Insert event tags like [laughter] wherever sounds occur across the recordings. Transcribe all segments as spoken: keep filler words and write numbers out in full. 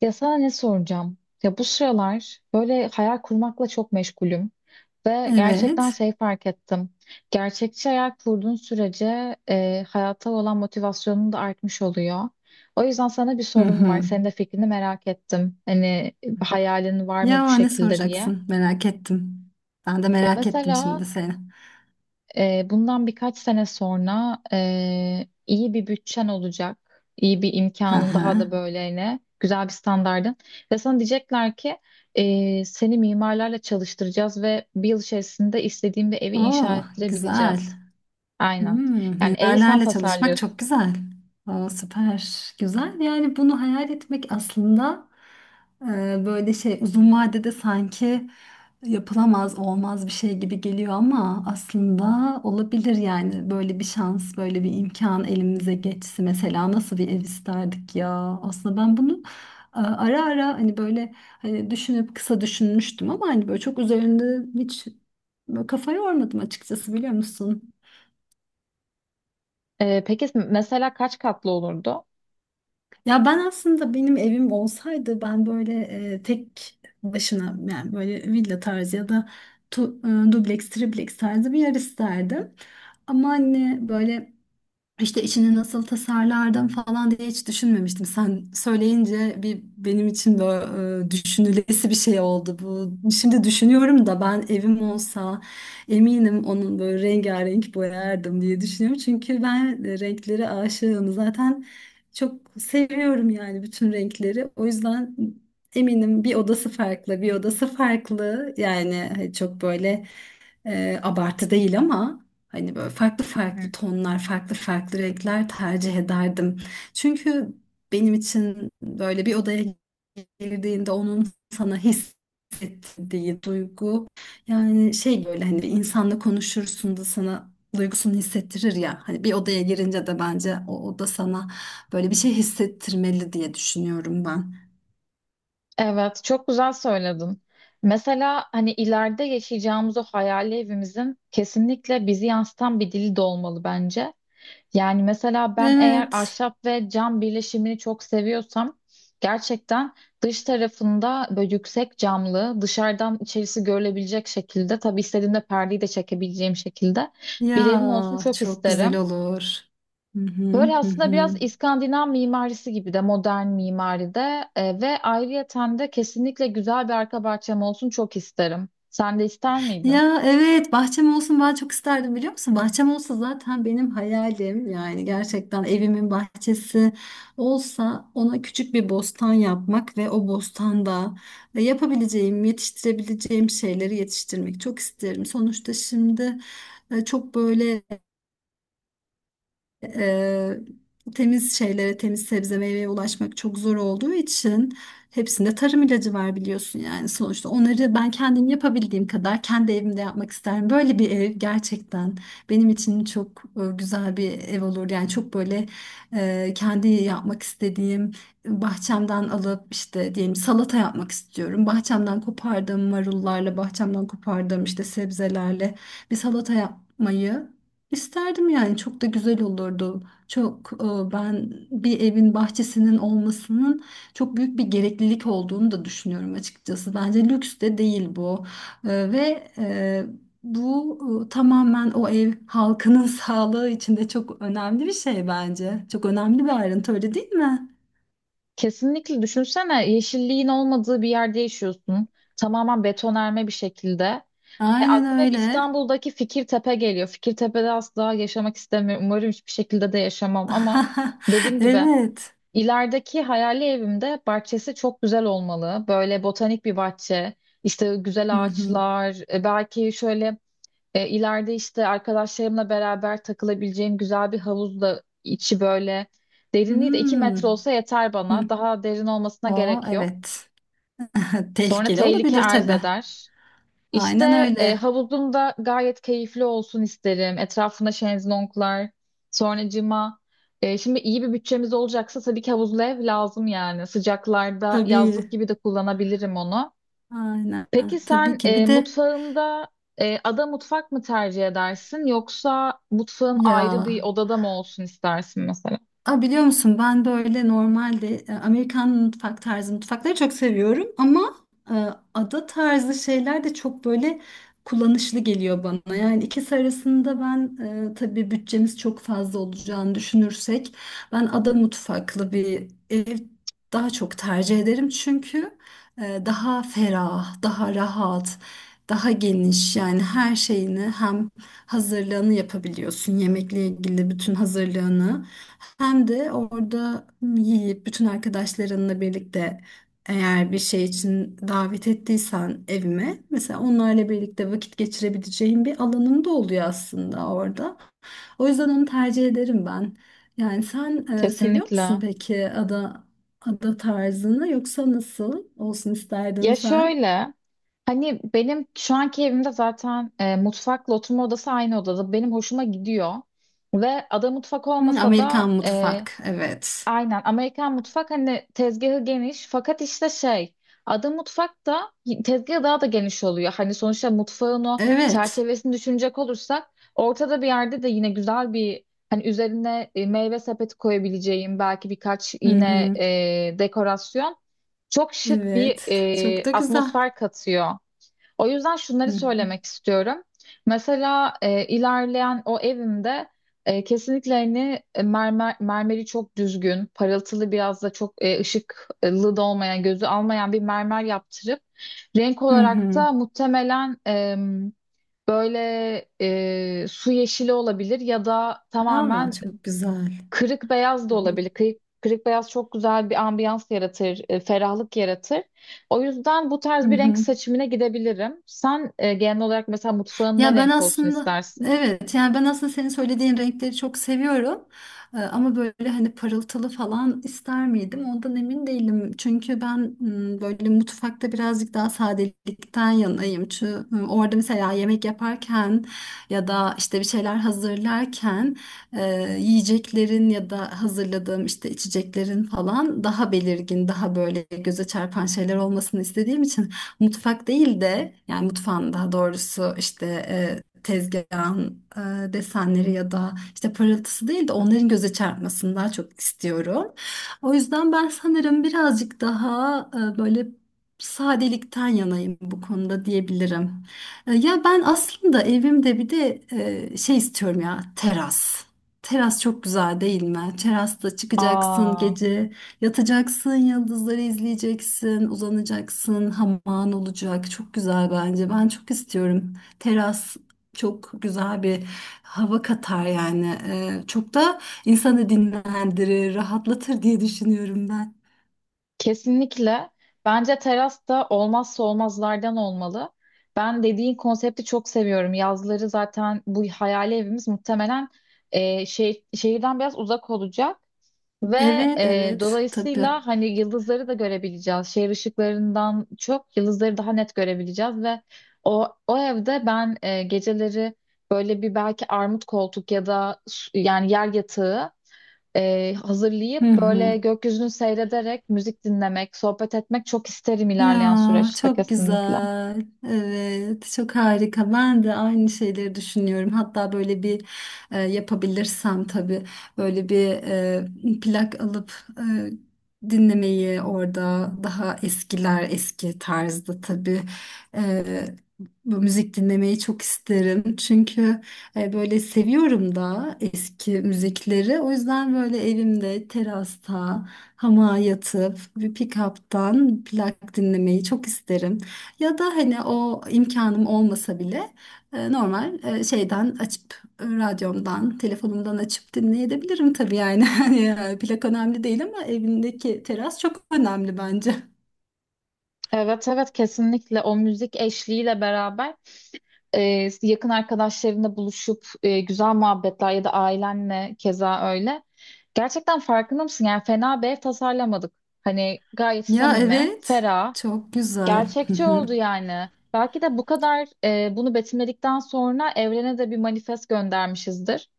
Ya sana ne soracağım? Ya bu sıralar böyle hayal kurmakla çok meşgulüm ve gerçekten Evet. şey fark ettim. Gerçekçi hayal kurduğun sürece e, hayata olan motivasyonun da artmış oluyor. O yüzden sana bir Hı sorum var. hı. Senin de fikrini merak ettim. Hani hayalin var mı bu Ya ne şekilde diye. soracaksın? Merak ettim. Ben de Ya merak ettim mesela şimdi seni. e, bundan birkaç sene sonra e, iyi bir bütçen olacak, iyi bir Hı imkanın daha hı. da böyle güzel bir standardın ve sana diyecekler ki e, seni mimarlarla çalıştıracağız ve bir yıl içerisinde istediğin bir evi inşa Oo, güzel. ettirebileceğiz. Aynen. Hmm, Yani evi sen mimarlarla çalışmak çok tasarlıyorsun. güzel. Oo, süper. Güzel. Yani bunu hayal etmek aslında e, böyle şey uzun vadede sanki yapılamaz olmaz bir şey gibi geliyor ama aslında olabilir, yani böyle bir şans böyle bir imkan elimize geçse mesela nasıl bir ev isterdik ya. Aslında ben bunu e, ara ara, hani böyle, hani düşünüp kısa düşünmüştüm ama hani böyle çok üzerinde hiç böyle kafa yormadım açıkçası, biliyor musun? E, peki mesela kaç katlı olurdu? Ya ben aslında, benim evim olsaydı, ben böyle e, tek başına, yani böyle villa tarzı ya da tu, e, dubleks, tripleks tarzı bir yer isterdim. Ama hani böyle işte içini nasıl tasarlardım falan diye hiç düşünmemiştim. Sen söyleyince bir benim için de e, düşünülesi bir şey oldu bu. Şimdi düşünüyorum da ben evim olsa eminim onun böyle rengarenk boyardım diye düşünüyorum. Çünkü ben e, renklere aşığım. Zaten çok seviyorum yani bütün renkleri. O yüzden eminim bir odası farklı, bir odası farklı. Yani çok böyle e, abartı değil ama hani böyle farklı Hı. farklı tonlar, farklı farklı renkler tercih ederdim. Çünkü benim için böyle bir odaya girdiğinde onun sana hissettirdiği duygu, yani şey böyle hani bir insanla konuşursun da sana duygusunu hissettirir ya, hani bir odaya girince de bence o oda sana böyle bir şey hissettirmeli diye düşünüyorum ben. Evet, çok güzel söyledin. Mesela hani ileride yaşayacağımız o hayali evimizin kesinlikle bizi yansıtan bir dili de olmalı bence. Yani mesela ben eğer Evet, ahşap ve cam birleşimini çok seviyorsam gerçekten dış tarafında böyle yüksek camlı, dışarıdan içerisi görülebilecek şekilde, tabii istediğimde perdeyi de çekebileceğim şekilde bir ya evim olsun çok çok güzel isterim. olur. Hı hı Böyle hı aslında biraz hı. İskandinav mimarisi gibi de modern mimaride e, ve ayrıyeten de kesinlikle güzel bir arka bahçem olsun çok isterim. Sen de ister miydin? Ya evet, bahçem olsun ben çok isterdim, biliyor musun? Bahçem olsa zaten benim hayalim, yani gerçekten evimin bahçesi olsa ona küçük bir bostan yapmak ve o bostanda e, yapabileceğim, yetiştirebileceğim şeyleri yetiştirmek çok isterim. Sonuçta şimdi e, çok böyle Eee, temiz şeylere, temiz sebze meyveye ulaşmak çok zor olduğu için, hepsinde tarım ilacı var biliyorsun yani sonuçta. Onları ben kendim yapabildiğim kadar kendi evimde yapmak isterim. Böyle bir ev gerçekten benim için çok e, güzel bir ev olur. Yani çok böyle e, kendi yapmak istediğim, bahçemden alıp işte diyelim salata yapmak istiyorum. Bahçemden kopardığım marullarla, bahçemden kopardığım işte sebzelerle bir salata yapmayı İsterdim yani, çok da güzel olurdu. Çok e, ben bir evin bahçesinin olmasının çok büyük bir gereklilik olduğunu da düşünüyorum açıkçası. Bence lüks de değil bu. E, Ve e, bu e, tamamen o ev halkının [laughs] sağlığı için de çok önemli bir şey bence. Çok önemli bir ayrıntı, öyle değil mi? Kesinlikle düşünsene yeşilliğin olmadığı bir yerde yaşıyorsun. Tamamen betonarme bir şekilde. E, Aynen aklıma hep öyle. İstanbul'daki Fikirtepe geliyor. Fikirtepe'de asla yaşamak istemiyorum. Umarım hiçbir şekilde de yaşamam ama [laughs] dediğim gibi Evet. İlerideki hayali evimde bahçesi çok güzel olmalı. Böyle botanik bir bahçe, işte Hı güzel hı. ağaçlar, e, belki şöyle e, ileride işte arkadaşlarımla beraber takılabileceğim güzel bir havuz da içi böyle. Derinliği de iki Hmm. metre olsa yeter bana. Hı. Daha derin olmasına O, gerek yok. evet. [laughs] Sonra Tehlikeli tehlike olabilir arz tabii. eder. Aynen İşte e, öyle. havuzum da gayet keyifli olsun isterim. Etrafında şezlonglar, sonracığıma e, şimdi iyi bir bütçemiz olacaksa tabii ki havuzlu ev lazım yani. Sıcaklarda yazlık Tabii. gibi de kullanabilirim onu. Aynen. Peki sen Tabii ki. e, Bir de mutfağında e, ada mutfak mı tercih edersin yoksa mutfağın ayrı ya, bir odada mı olsun istersin mesela? a biliyor musun, ben böyle normalde e, Amerikan mutfak tarzı mutfakları çok seviyorum ama e, ada tarzı şeyler de çok böyle kullanışlı geliyor bana. Yani ikisi arasında ben, e, tabii bütçemiz çok fazla olacağını düşünürsek, ben ada mutfaklı bir ev daha çok tercih ederim çünkü e, daha ferah, daha rahat, daha geniş. Yani her şeyini hem hazırlığını yapabiliyorsun, yemekle ilgili bütün hazırlığını, hem de orada yiyip bütün arkadaşlarınla birlikte, eğer bir şey için davet ettiysen evime mesela, onlarla birlikte vakit geçirebileceğin bir alanın da oluyor aslında orada. O yüzden onu tercih ederim ben. Yani sen e, seviyor musun Kesinlikle. peki ada ada tarzını, yoksa nasıl olsun isterdin Ya sen? şöyle, hani benim şu anki evimde zaten e, mutfakla oturma odası aynı odada. Benim hoşuma gidiyor. Ve ada mutfak Hı, olmasa Amerikan da e, mutfak. Evet. aynen Amerikan mutfak hani tezgahı geniş fakat işte şey. Ada mutfak da tezgahı daha da geniş oluyor. Hani sonuçta mutfağın o Evet. çerçevesini düşünecek olursak ortada bir yerde de yine güzel bir, hani üzerine e, meyve sepeti koyabileceğim belki birkaç Hı yine hı. e, dekorasyon çok şık bir Evet. Çok e, da güzel. atmosfer katıyor. O yüzden Hı şunları hı. söylemek istiyorum. Mesela e, ilerleyen o evimde e, kesinlikle hani e, mermer, mermeri çok düzgün, parıltılı biraz da çok e, ışıklı da olmayan, gözü almayan bir mermer yaptırıp renk Hı olarak hı. da muhtemelen e, böyle e, su yeşili olabilir ya da Aa, tamamen çok güzel. kırık beyaz da Hı hı. olabilir. Kırık, kırık beyaz çok güzel bir ambiyans yaratır, e, ferahlık yaratır. O yüzden bu Hı tarz bir renk hı. seçimine gidebilirim. Sen e, genel olarak mesela mutfağın ne Ya ben renk olsun aslında, istersin? evet, yani ben aslında senin söylediğin renkleri çok seviyorum. Ee, ama böyle hani parıltılı falan ister miydim? Ondan emin değilim. Çünkü ben m, böyle mutfakta birazcık daha sadelikten yanayım. Çünkü m, orada mesela yemek yaparken ya da işte bir şeyler hazırlarken, e, yiyeceklerin ya da hazırladığım işte içeceklerin falan daha belirgin, daha böyle göze çarpan şeyler olmasını istediğim için, mutfak değil de, yani mutfağın daha doğrusu işte e, tezgahın e, desenleri ya da işte parıltısı değil de onların göze çarpmasını daha çok istiyorum. O yüzden ben sanırım birazcık daha e, böyle sadelikten yanayım bu konuda diyebilirim. E, ya ben aslında evimde bir de e, şey istiyorum ya, teras. Teras çok güzel değil mi? Terasta çıkacaksın Aa, gece. Yatacaksın, yıldızları izleyeceksin, uzanacaksın, hamağın olacak. Çok güzel bence. Ben çok istiyorum. Teras çok güzel bir hava katar yani. Ee, çok da insanı dinlendirir, rahatlatır diye düşünüyorum ben. kesinlikle. Bence teras da olmazsa olmazlardan olmalı. Ben dediğin konsepti çok seviyorum. Yazları zaten bu hayali evimiz muhtemelen e, şey, şehirden biraz uzak olacak. Ve Evet, e, evet, tabii. dolayısıyla hani yıldızları da görebileceğiz. Şehir ışıklarından çok yıldızları daha net görebileceğiz ve o o evde ben e, geceleri böyle bir belki armut koltuk ya da su- yani yer yatağı e, Hı hazırlayıp hı. böyle gökyüzünü seyrederek müzik dinlemek, sohbet etmek çok isterim ilerleyen Ya süreçte çok kesinlikle. güzel. Evet, çok harika. Ben de aynı şeyleri düşünüyorum. Hatta böyle bir e, yapabilirsem tabii böyle bir e, plak alıp e, dinlemeyi orada, daha eskiler, eski tarzda tabii, e, bu müzik dinlemeyi çok isterim. Çünkü e, böyle seviyorum da eski müzikleri. O yüzden böyle evimde, terasta, hamağa yatıp bir pick-up'tan plak dinlemeyi çok isterim. Ya da hani o imkanım olmasa bile e, normal e, şeyden açıp, e, radyomdan, telefonumdan açıp dinleyebilirim tabii yani. [laughs] Hani e, plak önemli değil ama evindeki teras çok önemli bence. Evet evet kesinlikle o müzik eşliğiyle beraber e, yakın arkadaşlarınla buluşup e, güzel muhabbetler ya da ailenle keza öyle. Gerçekten farkında mısın? Yani fena bir ev tasarlamadık. Hani gayet Ya samimi, evet, ferah, çok güzel. gerçekçi [laughs] oldu yani. Belki de bu kadar e, bunu betimledikten sonra evrene de bir manifest göndermişizdir.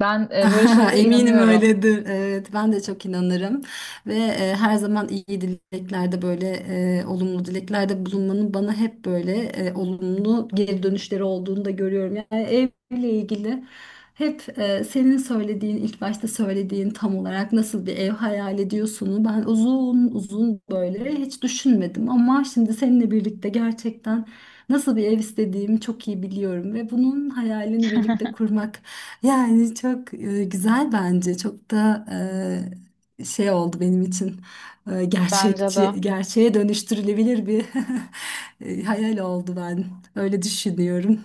Ben e, böyle [laughs] şeylere Eminim inanıyorum. öyledir. Evet, ben de çok inanırım ve e, her zaman iyi dileklerde, böyle e, olumlu dileklerde bulunmanın bana hep böyle e, olumlu geri dönüşleri olduğunu da görüyorum. Yani evle ilgili hep e, senin söylediğin, ilk başta söylediğin, tam olarak nasıl bir ev hayal ediyorsunu ben uzun uzun böyle hiç düşünmedim ama şimdi seninle birlikte gerçekten nasıl bir ev istediğimi çok iyi biliyorum ve bunun hayalini birlikte kurmak, yani çok e, güzel bence. Çok da e, şey oldu benim için. E, Bence de. Gerçekçi, gerçeğe dönüştürülebilir bir [laughs] e, hayal oldu ben. Öyle düşünüyorum.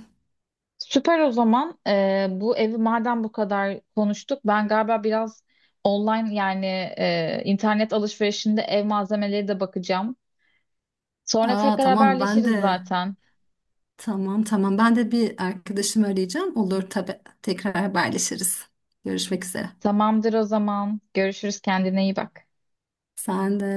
Süper o zaman. Ee, bu evi madem bu kadar konuştuk, ben galiba biraz online yani e, internet alışverişinde ev malzemeleri de bakacağım. Sonra Aa, tekrar tamam, ben haberleşiriz de, zaten. tamam tamam ben de bir arkadaşımı arayacağım. Olur tabii. Tekrar haberleşiriz. Görüşmek üzere. Tamamdır o zaman. Görüşürüz kendine iyi bak. Sen de